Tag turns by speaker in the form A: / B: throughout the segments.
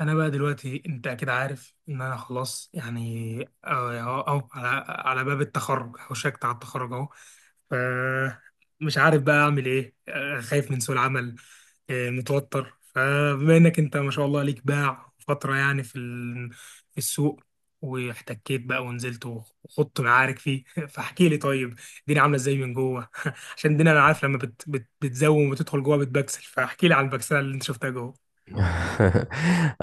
A: انا بقى دلوقتي، انت اكيد عارف ان انا خلاص يعني اهو. أهو على باب التخرج، هوشكت على التخرج اهو. ف مش عارف بقى اعمل ايه. خايف من سوق العمل، متوتر. فبما انك انت ما شاء الله ليك باع فترة يعني في في السوق، واحتكيت بقى ونزلت وخضت معارك فيه فاحكي لي طيب الدنيا عامله ازاي من جوه؟ عشان الدنيا انا عارف لما بت بت بتزوم وتدخل جوه بتبكسل، فاحكي لي عن البكسله اللي انت شفتها جوه.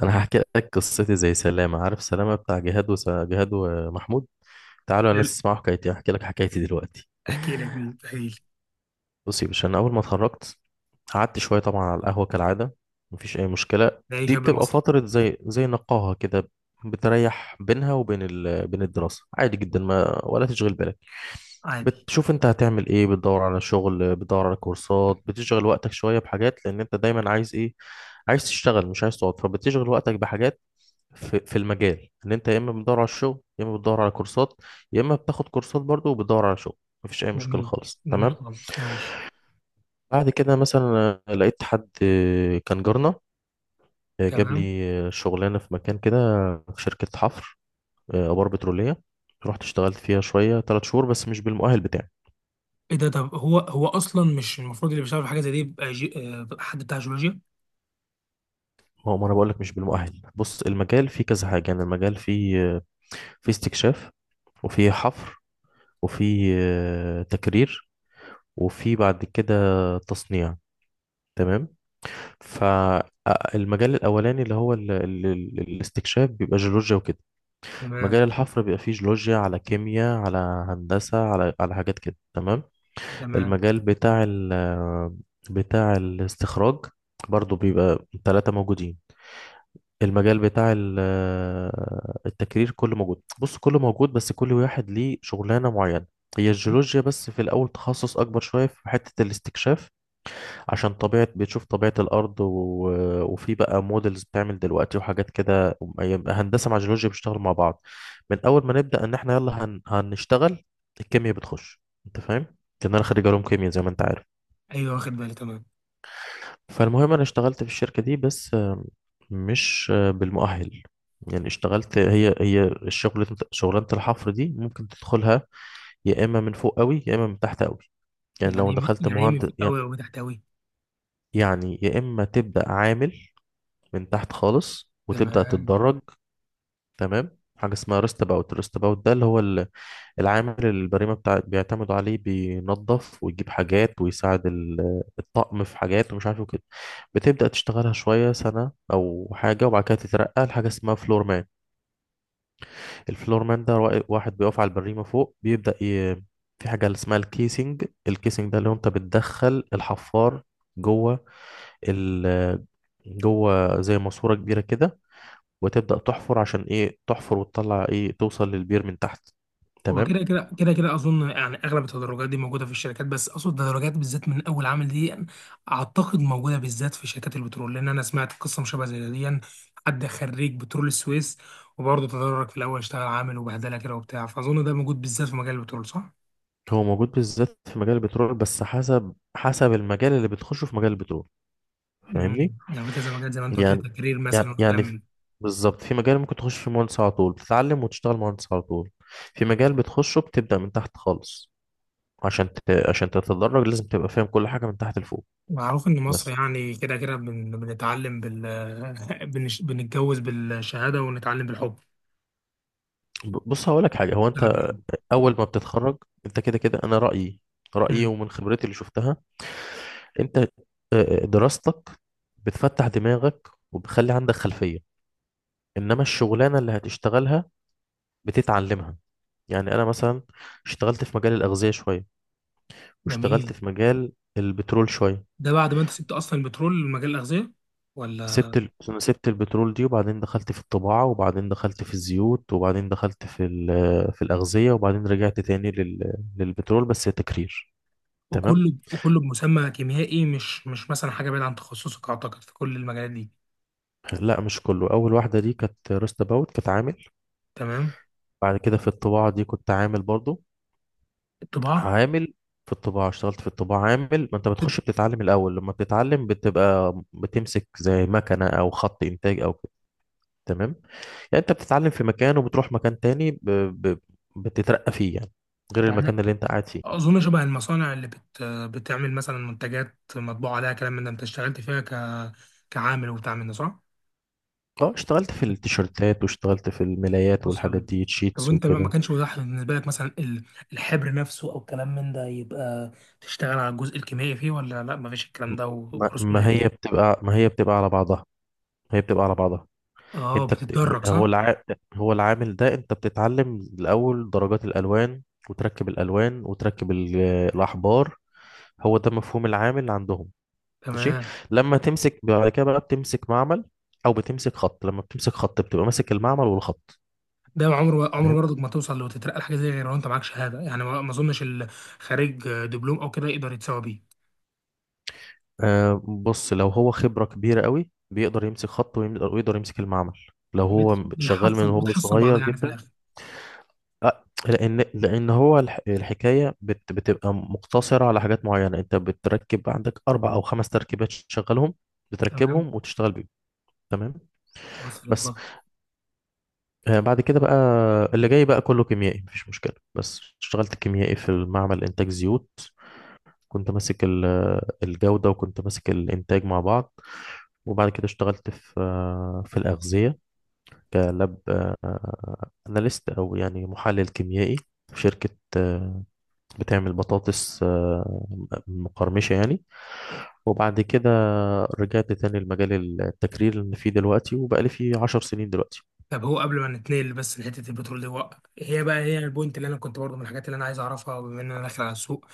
B: انا هحكي لك قصتي زي سلامه. عارف سلامه بتاع جهاد جهاد ومحمود. تعالوا الناس تسمعوا حكايتي. هحكي لك حكايتي دلوقتي.
A: احكي لك دي، تخيل.
B: بصي يا باشا، انا اول ما اتخرجت قعدت شويه طبعا على القهوه كالعاده. مفيش اي مشكله.
A: ده أي
B: دي
A: شاب
B: بتبقى
A: مصري.
B: فتره زي نقاهه كده، بتريح بينها وبين بين الدراسه، عادي جدا ما ولا تشغل بالك.
A: عادي.
B: بتشوف انت هتعمل ايه، بتدور على شغل، بتدور على كورسات، بتشغل وقتك شويه بحاجات، لان انت دايما عايز ايه؟ عايز تشتغل، مش عايز تقعد، فبتشغل وقتك بحاجات في المجال. ان انت يا اما بتدور على الشغل، يا اما بتدور على كورسات، يا اما بتاخد كورسات برضو وبتدور على شغل. مفيش اي مشكله
A: جميل،
B: خالص،
A: جميل
B: تمام.
A: خالص، ماشي.
B: بعد كده مثلا، لقيت حد، كان جارنا، جاب
A: تمام.
B: لي شغلانه في مكان كده، في شركه حفر، ابار بتروليه. رحت اشتغلت فيها شويه، 3 شهور، بس مش بالمؤهل بتاعي.
A: ايه ده؟ طب هو اصلا مش المفروض اللي بيشتغل في حاجه زي دي يبقى جي... آه، حد بتاع جيولوجيا؟
B: ما هو ما انا بقول لك مش بالمؤهل. بص، المجال فيه كذا حاجه. يعني المجال فيه فيه استكشاف، وفيه حفر، وفيه تكرير، وفيه بعد كده تصنيع، تمام. فالمجال الأولاني اللي هو ال ال ال الاستكشاف بيبقى جيولوجيا وكده.
A: تمام،
B: مجال الحفر بيبقى فيه جيولوجيا على كيمياء على هندسة، على حاجات كده، تمام.
A: تمام.
B: المجال بتاع بتاع الاستخراج برضو بيبقى ثلاثة موجودين. المجال بتاع التكرير كله موجود. بص، كله موجود، بس كل واحد ليه شغلانة معينة. هي الجيولوجيا بس في الأول تخصص أكبر شوية في حتة الاستكشاف، عشان طبيعة بتشوف طبيعة الأرض وفي بقى موديلز بتعمل دلوقتي وحاجات كده. يبقى هندسة مع جيولوجيا بيشتغلوا مع بعض من أول ما نبدأ. إن إحنا يلا هنشتغل، الكيمياء بتخش. أنت فاهم؟ لأن أنا خريج علوم كيمياء زي ما أنت عارف.
A: ايوه، واخد بالي، تمام.
B: فالمهم أنا اشتغلت في الشركة دي، بس مش بالمؤهل. يعني اشتغلت هي الشغل. شغلانة الحفر دي ممكن تدخلها يا إما من فوق قوي يا إما من تحت قوي. يعني لو دخلت
A: يعني ايه من
B: مهندس
A: فوق قوي
B: يعني،
A: وتحت قوي؟
B: يعني يا إما تبدأ عامل من تحت خالص وتبدأ
A: تمام.
B: تتدرج، تمام. حاجة اسمها ريست باوت. ريست باوت ده اللي هو العامل اللي البريمة بتاع بيعتمدوا عليه، بينظف ويجيب حاجات ويساعد الطقم في حاجات ومش عارف إيه وكده. بتبدأ تشتغلها شوية سنة أو حاجة، وبعد كده تترقى لحاجة اسمها فلور مان. الفلور مان ده واحد بيقف على البريمة فوق، بيبدأ في حاجة اسمها الكيسنج. الكيسنج ده اللي هو انت بتدخل الحفار جوه ال... جوه زي ماسورة كبيرة كده، وتبدأ تحفر. عشان ايه تحفر وتطلع؟ ايه، توصل للبير من تحت،
A: هو
B: تمام.
A: كده اظن يعني اغلب التدرجات دي موجوده في الشركات، بس اقصد التدرجات بالذات من اول عامل دي، يعني اعتقد موجوده بالذات في شركات البترول، لان انا سمعت قصه مشابهه زي دي يعني. حد خريج بترول السويس، وبرضه تدرج في الاول اشتغل عامل وبهدله كده وبتاع، فاظن ده موجود بالذات في مجال البترول، صح؟
B: هو موجود بالذات في مجال البترول، بس حسب المجال اللي بتخشه في مجال البترول. فاهمني؟
A: يعني في كذا مجال زي ما انت قلت لي،
B: يعني
A: تكرير
B: يعني
A: مثلا والكلام
B: يعني في-
A: من ده.
B: بالظبط، في مجال ممكن تخش في مهندس على طول، بتتعلم وتشتغل مهندس على طول. في مجال بتخشه بتبدأ من تحت خالص، عشان ت... عشان تتدرج لازم تبقى فاهم كل حاجة من تحت لفوق.
A: معروف ان مصر
B: بس
A: يعني كده بنتعلم بنتجوز بالشهاده ونتعلم بالحب.
B: بص هقول لك حاجة. هو
A: نشتغل
B: انت
A: بالحب.
B: اول ما بتتخرج، انت كده كده، انا رأيي
A: امم.
B: ومن خبرتي اللي شفتها، انت دراستك بتفتح دماغك وبتخلي عندك خلفية، انما الشغلانة اللي هتشتغلها بتتعلمها. يعني انا مثلا اشتغلت في مجال الأغذية شوية، واشتغلت
A: جميل.
B: في مجال البترول شوية.
A: ده بعد ما انت سبت اصلا البترول ومجال الاغذيه، ولا؟
B: سبت أنا سبت البترول دي، وبعدين دخلت في الطباعة، وبعدين دخلت في الزيوت، وبعدين دخلت في في الأغذية، وبعدين رجعت تاني للبترول بس تكرير، تمام.
A: وكله بمسمى كيميائي، مش مثلا حاجه بعيده عن تخصصك، اعتقد، في كل المجالات دي.
B: لا، مش كله. اول واحدة دي كانت روست اباوت، كانت عامل.
A: تمام.
B: بعد كده في الطباعة دي كنت عامل برضو.
A: الطباعه.
B: عامل في الطباعة. اشتغلت في الطباعة عامل. ما انت بتخش بتتعلم الأول. لما بتتعلم بتبقى بتمسك زي مكنة أو خط إنتاج أو كده، تمام. يعني انت بتتعلم في مكان وبتروح مكان تاني بتترقى فيه يعني، غير المكان
A: يعني
B: اللي انت قاعد فيه.
A: اظن شبه المصانع اللي بتعمل مثلا منتجات مطبوع عليها كلام من ده، انت اشتغلت فيها كعامل وبتاع من ده، صح؟
B: اه، اشتغلت في التيشيرتات، واشتغلت في الملايات والحاجات
A: وصل.
B: دي،
A: طب
B: تشيتس
A: وانت بقى ما
B: وكده.
A: كانش متاح بالنسبه لك مثلا الحبر نفسه او كلام من ده، يبقى تشتغل على الجزء الكيميائي فيه، ولا لا، ما فيش الكلام ده
B: ما...
A: وفرص
B: ما
A: قليله؟
B: هي بتبقى ما هي بتبقى على بعضها. هي بتبقى على بعضها.
A: اه،
B: انت بت...
A: بتتدرج،
B: هو
A: صح؟
B: الع... هو العامل ده انت بتتعلم الاول درجات الالوان، وتركب الالوان، وتركب الاحبار. هو ده مفهوم العامل عندهم، ماشي.
A: تمام.
B: لما تمسك بعد كده بقى بتمسك معمل او بتمسك خط. لما بتمسك خط بتبقى ماسك المعمل والخط،
A: ده عمره، عمره
B: فاهم.
A: برضك ما توصل لو تترقى لحاجه زي، غير لو انت معاك شهاده، يعني ما اظنش اللي خارج دبلوم او كده يقدر يتساوى بيه.
B: آه بص، لو هو خبرة كبيرة قوي بيقدر يمسك خط ويقدر، ويقدر يمسك المعمل لو هو شغال من
A: بيحصل
B: هو
A: بتحصل بعضها
B: صغير
A: يعني في
B: جدا.
A: الاخر.
B: لان هو الحكايه بتبقى مقتصره على حاجات معينه. انت بتركب عندك اربع او خمس تركيبات تشغلهم،
A: تمام،
B: بتركبهم وتشتغل بيهم، تمام.
A: وصلت،
B: بس
A: وصلت.
B: بعد كده بقى، اللي جاي بقى كله كيميائي مفيش مشكله. بس اشتغلت كيميائي في المعمل، انتاج زيوت. كنت ماسك الجوده وكنت ماسك الانتاج مع بعض. وبعد كده اشتغلت في في الاغذيه، كلاب اناليست، او يعني محلل كيميائي، في شركه آه، بتعمل بطاطس مقرمشة يعني. وبعد كده رجعت تاني لمجال التكرير اللي أنا فيه دلوقتي، وبقالي فيه 10 سنين دلوقتي.
A: طب هو قبل ما نتنقل بس لحته البترول دي، هي بقى هي البوينت اللي انا كنت برضه من الحاجات اللي انا عايز اعرفها، بما ان انا داخل على السوق.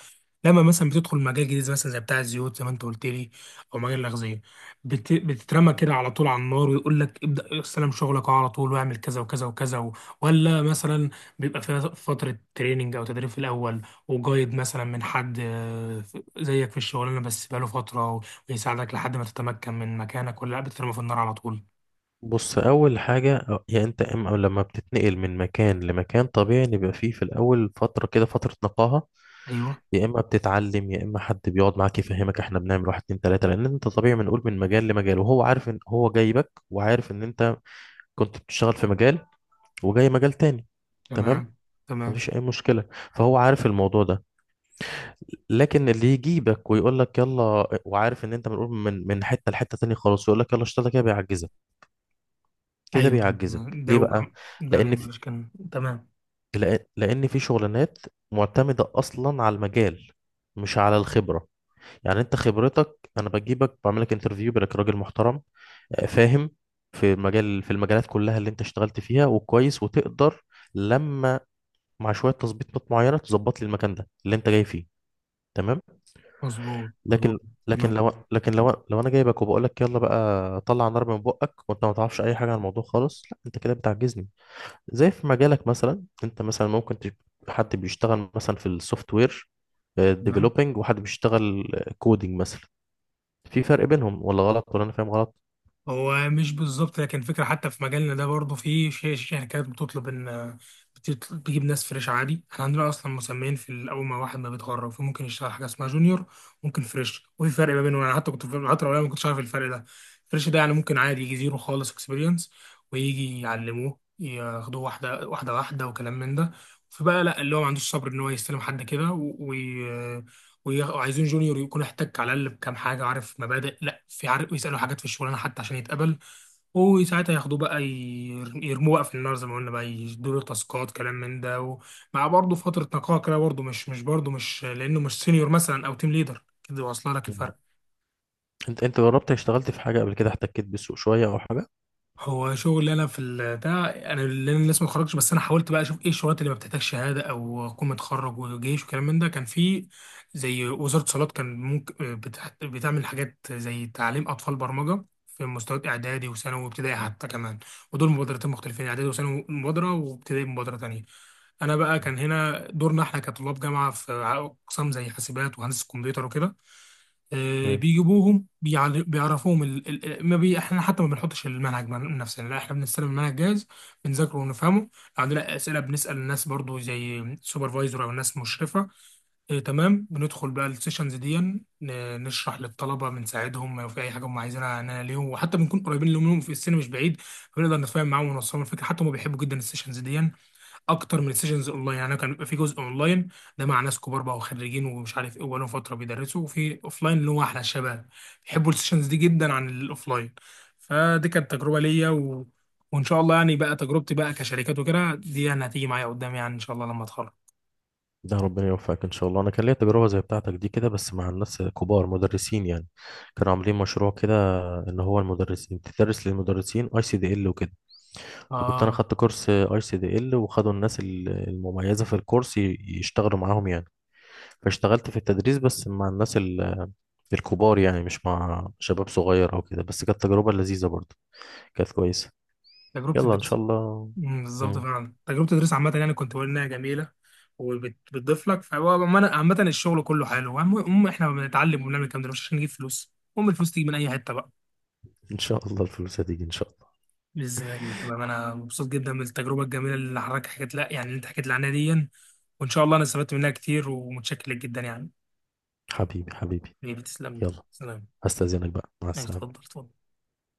A: لما مثلا بتدخل مجال جديد مثلا زي بتاع الزيوت زي ما انت قلت لي، او مجال الاغذيه، بتترمى كده على طول على النار ويقول لك ابدا، استلم شغلك على طول واعمل كذا وكذا وكذا و، ولا مثلا بيبقى فيها فتره تريننج او تدريب في الاول، وجايد مثلا من حد زيك في الشغلانه بس بقاله فتره، ويساعدك لحد ما تتمكن من مكانك، ولا لا بتترمى في النار على طول؟
B: بص، أول حاجة يعني أنت إما، لما بتتنقل من مكان لمكان طبيعي إن يبقى فيه في الأول فترة كده، فترة نقاهة.
A: ايوه.
B: يا إما بتتعلم، يا إما حد بيقعد معاك يفهمك. إحنا بنعمل واحد اتنين تلاتة. لأن أنت طبيعي، بنقول من مجال لمجال، وهو عارف إن هو جايبك وعارف إن أنت كنت بتشتغل في مجال وجاي مجال تاني، تمام.
A: تمام، تمام.
B: مفيش أي مشكلة. فهو عارف الموضوع ده. لكن اللي يجيبك ويقول لك يلا وعارف ان انت منقول من حته لحته تانية خالص، ويقول لك يلا اشتغل كده، بيعجزك. كده
A: ايوه.
B: بيعجزك،
A: ده
B: ليه بقى؟
A: وكم. ده
B: لان في،
A: بيعمل كان تمام.
B: لان في شغلانات معتمده اصلا على المجال مش على الخبره. يعني انت خبرتك، انا بجيبك بعمل لك انترفيو، بالك راجل محترم، فاهم في المجال، في المجالات كلها اللي انت اشتغلت فيها وكويس، وتقدر لما، مع شويه تظبيطات معينه، تظبط لي المكان ده اللي انت جاي فيه، تمام.
A: مظبوط، مظبوط.
B: لكن، لكن
A: تمام.
B: لو لكن لو لو انا جايبك وبقول لك يلا بقى طلع نار من بقك، وانت ما تعرفش اي حاجه عن الموضوع خالص، لا انت كده بتعجزني. زي في مجالك مثلا، انت مثلا ممكن حد بيشتغل مثلا في السوفت وير
A: تمام.
B: ديفلوبينج، وحد بيشتغل كودينج مثلا. في فرق بينهم ولا غلط، ولا انا فاهم غلط؟
A: هو مش بالظبط، لكن فكرة. حتى في مجالنا ده برضه في شركات بتطلب ان بتجيب ناس فريش عادي. احنا عندنا اصلا مسميين في اول ما واحد ما بيتخرج، فممكن يشتغل حاجه اسمها جونيور، ممكن فريش، وفي فرق ما بينهم. انا حتى كنت في الفتره الاولى ما كنتش عارف الفرق ده. فريش ده يعني ممكن عادي يجي زيرو خالص اكسبيرينس، ويجي يعلموه، ياخدوه واحده واحده واحده وكلام من ده. فبقى لا، اللي هو ما عندوش صبر ان هو يستلم حد كده، وعايزين جونيور يكون احتك على الاقل بكام حاجه، عارف مبادئ، لا، في عارف يسالوا حاجات في الشغلانه حتى عشان يتقبل. وساعتها ياخدوه بقى، يرموه بقى في النار زي ما قلنا بقى، يدوا له تاسكات كلام من ده، ومع برضه فتره نقاهه كده برضه. مش برضه، مش لانه مش سينيور مثلا او تيم ليدر. كده واصله لك
B: مم.
A: الفرق؟
B: انت جربت اشتغلت في حاجه قبل كده، احتكيت بالسوق شويه او حاجه؟
A: هو شغلي انا في ده. انا لأن لسه ما اتخرجتش، بس انا حاولت بقى اشوف ايه الشغلات اللي ما بتحتاجش شهاده او اكون متخرج وجيش وكلام من ده. كان في زي وزاره اتصالات، كان ممكن بتعمل حاجات زي تعليم اطفال برمجه في مستويات اعدادي وثانوي وابتدائي حتى كمان. ودول مبادرتين مختلفين، اعدادي وثانوي مبادره وابتدائي مبادره تانيه. انا بقى
B: مم.
A: كان هنا دورنا احنا كطلاب جامعه في اقسام زي حاسبات وهندسه كمبيوتر وكده.
B: تمام.
A: بيجيبوهم، بيعرفوهم ال... ال... ما بي... احنا حتى ما بنحطش المنهج من نفسنا، لا، احنا بنستلم المنهج جاهز، بنذاكره ونفهمه. لو عندنا اسئله بنسال الناس برضو زي سوبرفايزر او ناس مشرفه. اه، تمام. بندخل بقى السيشنز دي، نشرح للطلبه، بنساعدهم لو في اي حاجه هم عايزينها، انا ليهم، وحتى بنكون قريبين لهم في السن مش بعيد، فبنقدر نتفاهم معاهم ونوصلهم الفكره. حتى هم بيحبوا جدا السيشنز دي اكتر من السيشنز اونلاين. يعني كان بيبقى في جزء اونلاين، ده مع ناس كبار بقى وخريجين ومش عارف ايه وبقالهم فتره بيدرسوا، وفي اوفلاين اللي هو احلى. الشباب بيحبوا السيشنز دي جدا عن الاوفلاين. فدي كانت تجربه ليا و، وان شاء الله يعني بقى تجربتي بقى كشركات وكده دي يعني هتيجي معايا قدام يعني ان شاء الله لما اتخرج.
B: ده ربنا يوفقك ان شاء الله. انا كان ليا تجربه زي بتاعتك دي كده، بس مع الناس كبار، مدرسين يعني. كانوا عاملين مشروع كده ان هو المدرسين بتدرس للمدرسين ICDL وكده. فكنت انا
A: اه،
B: خدت كورس ICDL، وخدوا الناس المميزه في الكورس يشتغلوا معاهم يعني. فاشتغلت في التدريس بس مع الناس الكبار يعني، مش مع شباب صغير او كده. بس كانت تجربه لذيذه برضه، كانت كويسه.
A: تجربه
B: يلا ان
A: الدرس.
B: شاء الله.
A: بالظبط،
B: مم.
A: فعلا تجربه الدرس عامه يعني، كنت بقول انها جميله وبتضيف لك. فهو عامة الشغل كله حلو. المهم احنا بنتعلم وبنعمل الكلام ده مش عشان نجيب فلوس، المهم الفلوس تيجي من اي حته بقى.
B: ان شاء الله الفلوس هتيجي ان شاء الله.
A: ازاي. تمام، انا مبسوط جدا بالتجربه الجميله اللي حضرتك حكيت، لا يعني اللي انت حكيت لي عنها دي. وان شاء الله انا استفدت منها كتير، ومتشكر لك جدا يعني.
B: حبيبي حبيبي.
A: حبيبي، تسلم لي،
B: يلا،
A: سلام.
B: هستأذنك بقى، مع
A: اتفضل،
B: السلامه.
A: اتفضل.